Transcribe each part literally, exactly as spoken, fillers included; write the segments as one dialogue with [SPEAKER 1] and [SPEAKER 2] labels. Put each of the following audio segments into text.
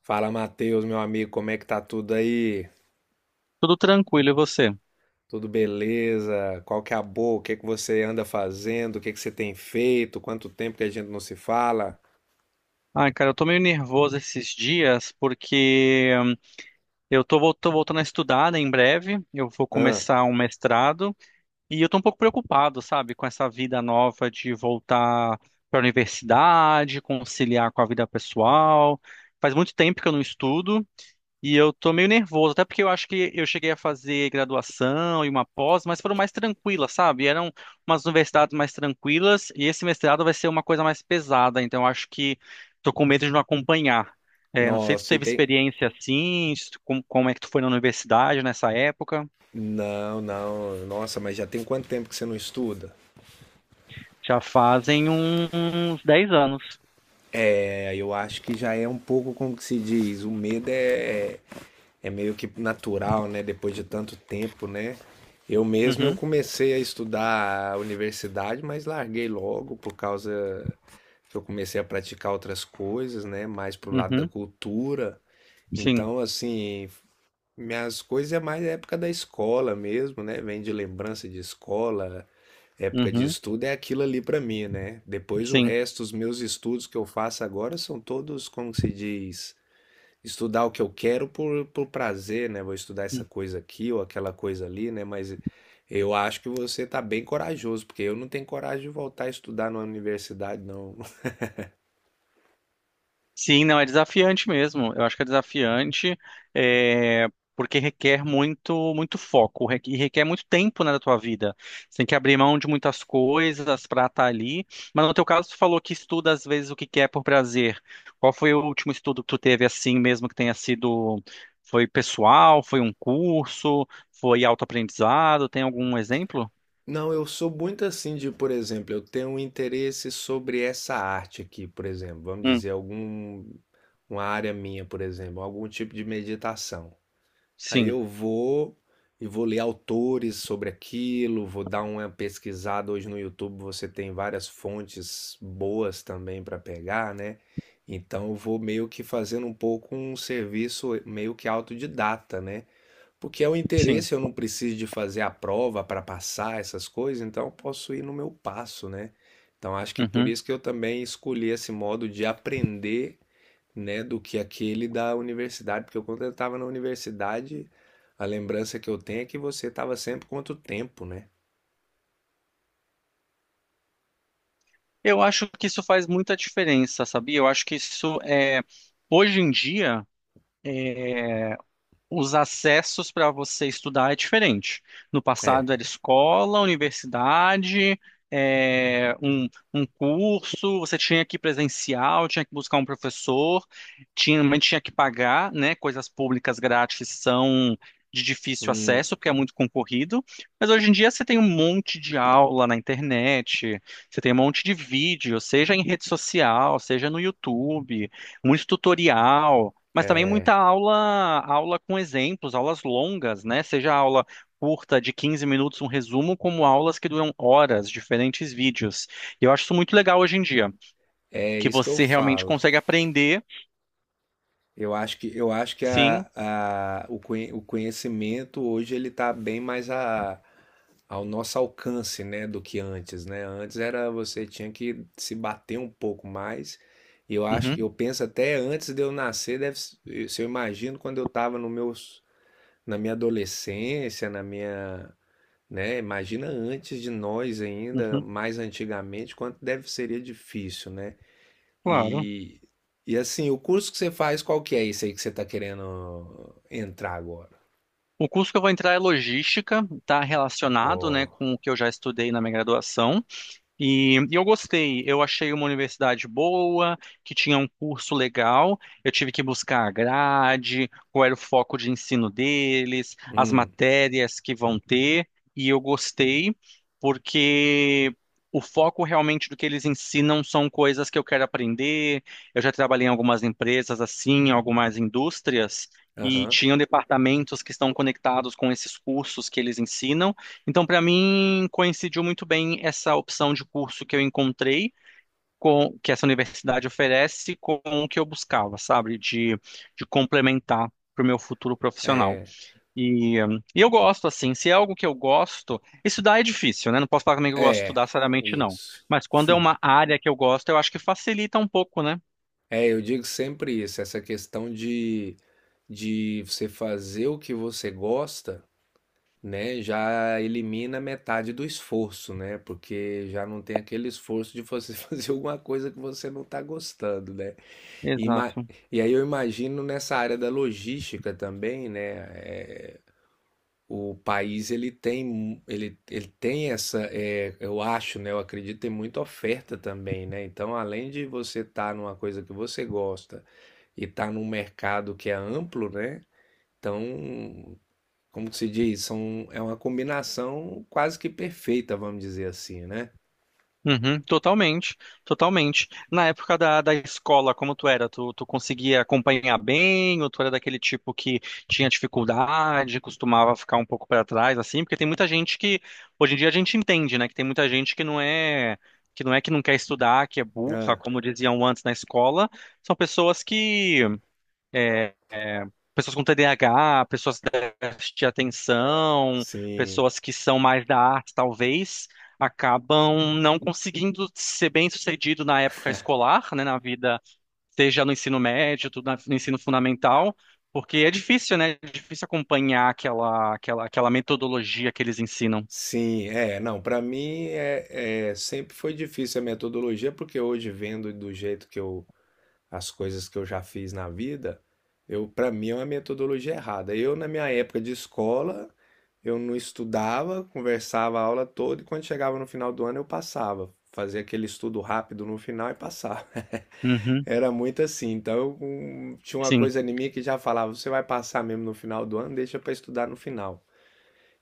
[SPEAKER 1] Fala, Matheus, meu amigo, como é que tá tudo aí?
[SPEAKER 2] Tudo tranquilo, e você?
[SPEAKER 1] Tudo beleza? Qual que é a boa? O que é que você anda fazendo? O que é que você tem feito? Quanto tempo que a gente não se fala?
[SPEAKER 2] Ai, cara, eu tô meio nervoso esses dias porque hum, eu tô, vol- tô voltando a estudar, né, em breve. Eu vou
[SPEAKER 1] Hã?
[SPEAKER 2] começar um mestrado e eu tô um pouco preocupado, sabe, com essa vida nova de voltar para a universidade, conciliar com a vida pessoal. Faz muito tempo que eu não estudo. E eu tô meio nervoso, até porque eu acho que eu cheguei a fazer graduação e uma pós, mas foram mais tranquilas, sabe? Eram umas universidades mais tranquilas e esse mestrado vai ser uma coisa mais pesada, então eu acho que tô com medo de não acompanhar. É, não sei se tu
[SPEAKER 1] Nossa, e
[SPEAKER 2] teve
[SPEAKER 1] tem...
[SPEAKER 2] experiência assim, se tu- como, como é que tu foi na universidade nessa época?
[SPEAKER 1] Não, não, nossa, mas já tem quanto tempo que você não estuda?
[SPEAKER 2] Já fazem uns dez anos.
[SPEAKER 1] É, eu acho que já é um pouco como que se diz, o medo é, é, é meio que natural, né? Depois de tanto tempo, né? Eu mesmo eu
[SPEAKER 2] Uhum,
[SPEAKER 1] comecei a estudar a universidade, mas larguei logo por causa que eu comecei a praticar outras coisas, né? Mais pro lado da
[SPEAKER 2] uhum,
[SPEAKER 1] cultura.
[SPEAKER 2] sim,
[SPEAKER 1] Então, assim, minhas coisas é mais época da escola mesmo, né? Vem de lembrança de escola, época de
[SPEAKER 2] uhum,
[SPEAKER 1] estudo é aquilo ali pra mim, né? Depois o
[SPEAKER 2] sim.
[SPEAKER 1] resto, os meus estudos que eu faço agora são todos, como se diz, estudar o que eu quero por, por prazer, né? Vou estudar essa coisa aqui ou aquela coisa ali, né? Mas eu acho que você tá bem corajoso, porque eu não tenho coragem de voltar a estudar na universidade, não.
[SPEAKER 2] Sim, não, é desafiante mesmo. Eu acho que é desafiante, é, porque requer muito, muito foco, re- e requer muito tempo, né, da tua vida. Você tem que abrir mão de muitas coisas para estar ali. Mas no teu caso, tu falou que estuda às vezes o que quer por prazer. Qual foi o último estudo que tu teve assim mesmo que tenha sido, foi pessoal, foi um curso, foi autoaprendizado? Tem algum exemplo?
[SPEAKER 1] Não, eu sou muito assim de, por exemplo, eu tenho um interesse sobre essa arte aqui, por exemplo, vamos
[SPEAKER 2] Hum,
[SPEAKER 1] dizer, algum, uma área minha, por exemplo, algum tipo de meditação. Aí
[SPEAKER 2] sim,
[SPEAKER 1] eu vou e vou ler autores sobre aquilo, vou dar uma pesquisada. Hoje no YouTube você tem várias fontes boas também para pegar, né? Então eu vou meio que fazendo um pouco um serviço meio que autodidata, né? Porque é o
[SPEAKER 2] sim.
[SPEAKER 1] interesse, eu não preciso de fazer a prova para passar essas coisas, então eu posso ir no meu passo, né? Então acho que por
[SPEAKER 2] Uhum.
[SPEAKER 1] isso que eu também escolhi esse modo de aprender, né, do que aquele da universidade, porque eu, quando eu estava na universidade, a lembrança que eu tenho é que você estava sempre contra o tempo, né?
[SPEAKER 2] Eu acho que isso faz muita diferença, sabia? Eu acho que isso é hoje em dia. eh, os acessos para você estudar é diferente. No passado
[SPEAKER 1] É,
[SPEAKER 2] era escola, universidade, é, um, um curso, você tinha que ir presencial, tinha que buscar um professor, tinha, mas tinha que pagar, né? Coisas públicas grátis são de difícil
[SPEAKER 1] hum,
[SPEAKER 2] acesso, porque é muito concorrido. Mas hoje em dia você tem um monte de aula na internet, você tem um monte de vídeo, seja em rede social, seja no YouTube, muito tutorial. Mas também muita
[SPEAKER 1] é,
[SPEAKER 2] aula, aula com exemplos, aulas longas, né? Seja aula curta de quinze minutos, um resumo, como aulas que duram horas, diferentes vídeos. E eu acho isso muito legal hoje em dia,
[SPEAKER 1] é
[SPEAKER 2] que
[SPEAKER 1] isso que eu
[SPEAKER 2] você realmente
[SPEAKER 1] falo.
[SPEAKER 2] consegue aprender,
[SPEAKER 1] Eu acho que, eu acho que
[SPEAKER 2] sim.
[SPEAKER 1] a, a, o, conhe- o conhecimento hoje ele está bem mais a, ao nosso alcance, né, do que antes, né? Antes era você tinha que se bater um pouco mais. E eu acho que
[SPEAKER 2] Uhum,
[SPEAKER 1] eu penso até antes de eu nascer, deve, se eu imagino quando eu estava nos meus na minha adolescência, na minha, né, imagina antes de nós ainda,
[SPEAKER 2] uhum,
[SPEAKER 1] mais antigamente, quanto deve seria difícil, né?
[SPEAKER 2] claro.
[SPEAKER 1] E e assim, o curso que você faz, qual que é esse aí que você está querendo entrar agora?
[SPEAKER 2] O curso que eu vou entrar é logística, está relacionado, né,
[SPEAKER 1] Ó,
[SPEAKER 2] com o que eu já estudei na minha graduação. E, e eu gostei, eu achei uma universidade boa, que tinha um curso legal. Eu tive que buscar a grade, qual era o foco de ensino deles, as
[SPEAKER 1] hum,
[SPEAKER 2] matérias que vão ter, e eu gostei, porque o foco realmente do que eles ensinam são coisas que eu quero aprender. Eu já trabalhei em algumas empresas assim, em algumas indústrias. E
[SPEAKER 1] aham.
[SPEAKER 2] tinham departamentos que estão conectados com esses cursos que eles ensinam. Então, para mim, coincidiu muito bem essa opção de curso que eu encontrei, com, que essa universidade oferece, com o que eu buscava, sabe? De, de complementar para o meu futuro profissional.
[SPEAKER 1] É,
[SPEAKER 2] E, hum, e eu gosto, assim, se é algo que eu gosto, estudar é difícil, né? Não posso falar também que eu gosto de
[SPEAKER 1] é,
[SPEAKER 2] estudar, seriamente, não.
[SPEAKER 1] isso.
[SPEAKER 2] Mas quando é uma área que eu gosto, eu acho que facilita um pouco, né?
[SPEAKER 1] É, eu digo sempre isso, essa questão de de você fazer o que você gosta, né, já elimina metade do esforço, né? Porque já não tem aquele esforço de você fazer alguma coisa que você não está gostando, né? E, ima-
[SPEAKER 2] Exato.
[SPEAKER 1] e aí eu imagino nessa área da logística também, né? É, o país ele tem mu- ele, ele tem essa é, eu acho, né, eu acredito tem muita oferta também, né, então além de você estar numa coisa que você gosta e estar num mercado que é amplo, né, então como que se diz? São, é uma combinação quase que perfeita, vamos dizer assim, né?
[SPEAKER 2] Uhum, totalmente, totalmente. Na época da, da escola, como tu era? Tu, tu conseguia acompanhar bem, ou tu era daquele tipo que tinha dificuldade, costumava ficar um pouco para trás, assim? Porque tem muita gente que, hoje em dia a gente entende, né? Que tem muita gente que não é, que não é que não quer estudar, que é burra,
[SPEAKER 1] Ah,
[SPEAKER 2] como diziam antes na escola. São pessoas que é, pessoas com T D A H, pessoas déficit de atenção,
[SPEAKER 1] sim,
[SPEAKER 2] pessoas que são mais da arte, talvez, acabam não conseguindo ser bem-sucedido na época escolar, né, na vida, seja no ensino médio, tudo na- no ensino fundamental, porque é difícil, né? É difícil acompanhar aquela, aquela, aquela metodologia que eles ensinam.
[SPEAKER 1] sim, é. Não, para mim é, é, sempre foi difícil a metodologia, porque hoje vendo do jeito que eu, as coisas que eu já fiz na vida, eu, para mim é uma metodologia errada. Eu, na minha época de escola, eu não estudava, conversava a aula toda e quando chegava no final do ano eu passava. Fazia aquele estudo rápido no final e passava.
[SPEAKER 2] Uhum,
[SPEAKER 1] Era muito assim. Então, um, tinha uma
[SPEAKER 2] sim,
[SPEAKER 1] coisa em mim que já falava: você vai passar mesmo no final do ano, deixa para estudar no final.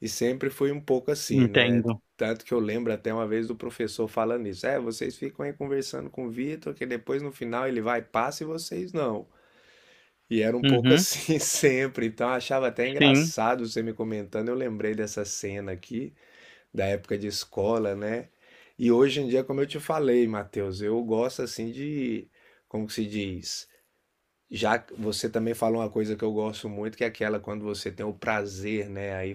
[SPEAKER 1] E sempre foi um pouco assim, né?
[SPEAKER 2] entendo.
[SPEAKER 1] Tanto que eu lembro até uma vez do professor falando isso: é, vocês ficam aí conversando com o Vitor, que depois no final ele vai, passa e vocês não. E era um pouco
[SPEAKER 2] Uhum,
[SPEAKER 1] assim sempre, então eu achava até
[SPEAKER 2] sim.
[SPEAKER 1] engraçado você me comentando. Eu lembrei dessa cena aqui, da época de escola, né? E hoje em dia, como eu te falei, Matheus, eu gosto assim de, como que se diz? Já você também falou uma coisa que eu gosto muito, que é aquela quando você tem o prazer, né? Aí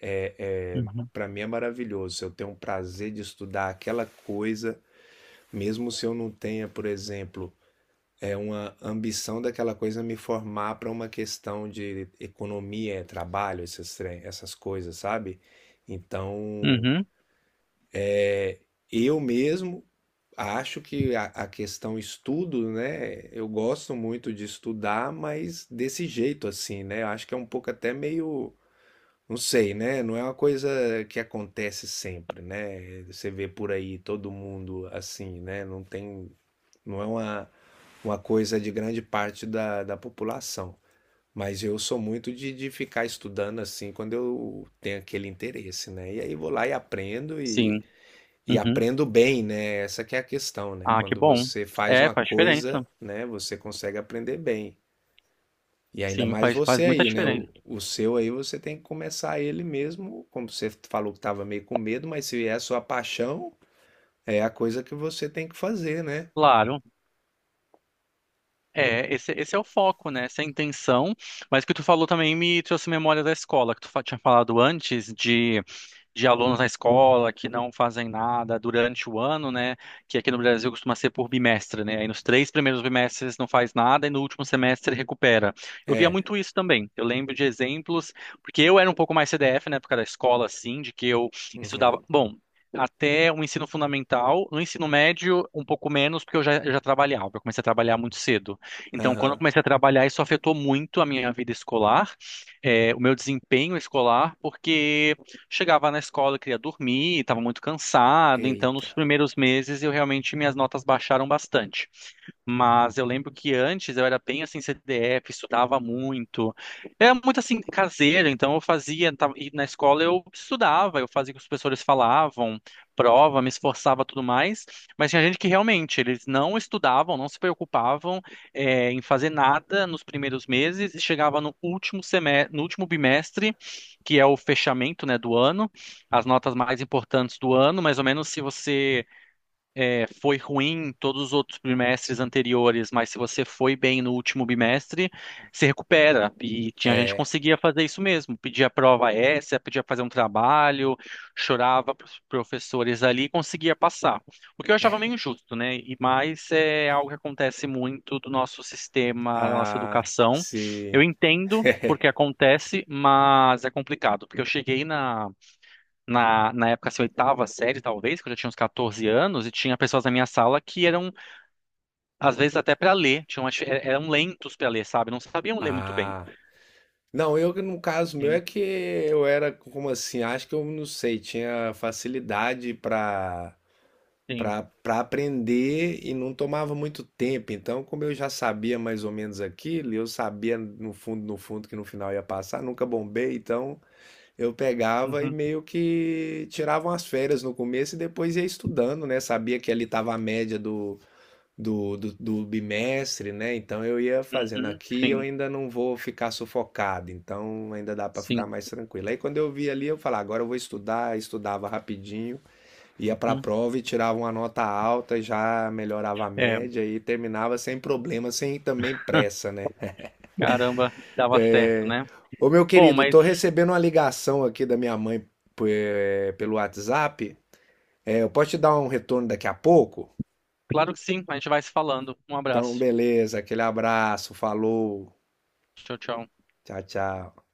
[SPEAKER 1] é, é,
[SPEAKER 2] Uhum,
[SPEAKER 1] para mim é maravilhoso. Se eu tenho o prazer de estudar aquela coisa, mesmo se eu não tenha, por exemplo, é uma ambição daquela coisa me formar para uma questão de economia, trabalho, esses, essas coisas, sabe? Então,
[SPEAKER 2] uhum,
[SPEAKER 1] eu mesmo acho que a, a questão estudo, né? Eu gosto muito de estudar, mas desse jeito assim, né? Eu acho que é um pouco até meio, não sei, né? Não é uma coisa que acontece sempre, né? Você vê por aí todo mundo assim, né? Não tem, não é uma, uma coisa de grande parte da, da população. Mas eu sou muito de, de ficar estudando assim quando eu tenho aquele interesse, né? E aí vou lá e aprendo
[SPEAKER 2] sim.
[SPEAKER 1] e
[SPEAKER 2] Uhum.
[SPEAKER 1] aprendo bem, né? Essa que é a questão, né?
[SPEAKER 2] Ah, que
[SPEAKER 1] Quando
[SPEAKER 2] bom.
[SPEAKER 1] você faz
[SPEAKER 2] É,
[SPEAKER 1] uma
[SPEAKER 2] faz
[SPEAKER 1] coisa,
[SPEAKER 2] diferença.
[SPEAKER 1] né, você consegue aprender bem. E ainda
[SPEAKER 2] Sim,
[SPEAKER 1] mais
[SPEAKER 2] faz, faz
[SPEAKER 1] você
[SPEAKER 2] muita
[SPEAKER 1] aí, né? O,
[SPEAKER 2] diferença.
[SPEAKER 1] o seu aí você tem que começar ele mesmo, como você falou que estava meio com medo, mas se é a sua paixão, é a coisa que você tem que fazer, né?
[SPEAKER 2] Claro. É, esse, esse é o foco, né? Essa é a intenção. Mas o que tu falou também me trouxe memória da escola, que tu fa- tinha falado antes de de alunos na escola que não fazem nada durante o ano, né? Que aqui no Brasil costuma ser por bimestre, né? Aí nos três primeiros bimestres não faz nada e no último semestre recupera. Eu via
[SPEAKER 1] É.
[SPEAKER 2] muito isso também. Eu lembro de exemplos, porque eu era um pouco mais C D F na época da escola, assim, de que eu estudava.
[SPEAKER 1] Uhum.
[SPEAKER 2] Bom. Até o ensino fundamental, no ensino médio, um pouco menos, porque eu já, eu já trabalhava, eu comecei a trabalhar muito cedo. Então, quando eu
[SPEAKER 1] Aham.
[SPEAKER 2] comecei a trabalhar, isso afetou muito a minha vida escolar, eh, o meu desempenho escolar, porque chegava na escola, queria dormir, estava muito cansado, então nos
[SPEAKER 1] Eita.
[SPEAKER 2] primeiros meses eu realmente minhas notas baixaram bastante. Mas eu lembro que antes eu era bem assim C D F, estudava muito. Era muito assim caseiro, então eu fazia, tava, e na escola eu estudava, eu fazia o que os professores falavam, prova, me esforçava tudo mais. Mas tinha gente que realmente eles não estudavam, não se preocupavam eh, em fazer nada nos primeiros meses e chegava no último semestre, no último bimestre, que é o fechamento, né, do ano, as notas mais importantes do ano, mais ou menos se você é, foi ruim em todos os outros bimestres anteriores, mas se você foi bem no último bimestre, se recupera. E tinha gente que
[SPEAKER 1] É.
[SPEAKER 2] conseguia fazer isso mesmo, pedia prova essa, pedia fazer um trabalho, chorava para os professores ali e conseguia passar. O que eu achava meio injusto, né? E mais é algo que acontece muito do nosso sistema, da nossa
[SPEAKER 1] Ah,
[SPEAKER 2] educação. Eu
[SPEAKER 1] se.
[SPEAKER 2] entendo porque acontece, mas é complicado, porque eu cheguei na na, na época, assim, oitava série, talvez, quando eu já tinha uns catorze anos, e tinha pessoas na minha sala que eram, às vezes, até para ler, tinham, uma difi- eram lentos para ler, sabe? Não sabiam ler muito bem.
[SPEAKER 1] Ah. Não, eu que no caso meu é
[SPEAKER 2] Sim,
[SPEAKER 1] que eu era como assim, acho que eu não sei, tinha facilidade para
[SPEAKER 2] sim.
[SPEAKER 1] para para aprender e não tomava muito tempo. Então, como eu já sabia mais ou menos aquilo, e eu sabia no fundo, no fundo que no final ia passar, nunca bombei, então eu pegava e
[SPEAKER 2] Uhum,
[SPEAKER 1] meio que tirava umas férias no começo e depois ia estudando, né? Sabia que ali estava a média do Do, do, do bimestre, né? Então eu ia fazendo
[SPEAKER 2] uhum,
[SPEAKER 1] aqui, eu
[SPEAKER 2] sim,
[SPEAKER 1] ainda não vou ficar sufocado, então ainda dá para ficar
[SPEAKER 2] sim.
[SPEAKER 1] mais tranquilo. Aí quando eu vi ali, eu falava, agora eu vou estudar, estudava rapidinho, ia para a
[SPEAKER 2] Uhum.
[SPEAKER 1] prova e tirava uma nota alta, já melhorava a
[SPEAKER 2] É,
[SPEAKER 1] média e terminava sem problema, sem também pressa, né?
[SPEAKER 2] caramba, dava certo,
[SPEAKER 1] É...
[SPEAKER 2] né?
[SPEAKER 1] Ô meu
[SPEAKER 2] Bom,
[SPEAKER 1] querido,
[SPEAKER 2] mas
[SPEAKER 1] tô recebendo uma ligação aqui da minha mãe pe- pelo WhatsApp. É, eu posso te dar um retorno daqui a pouco?
[SPEAKER 2] claro que sim, a gente vai se falando. Um
[SPEAKER 1] Então,
[SPEAKER 2] abraço.
[SPEAKER 1] beleza, aquele abraço, falou,
[SPEAKER 2] Tchau, tchau.
[SPEAKER 1] tchau, tchau.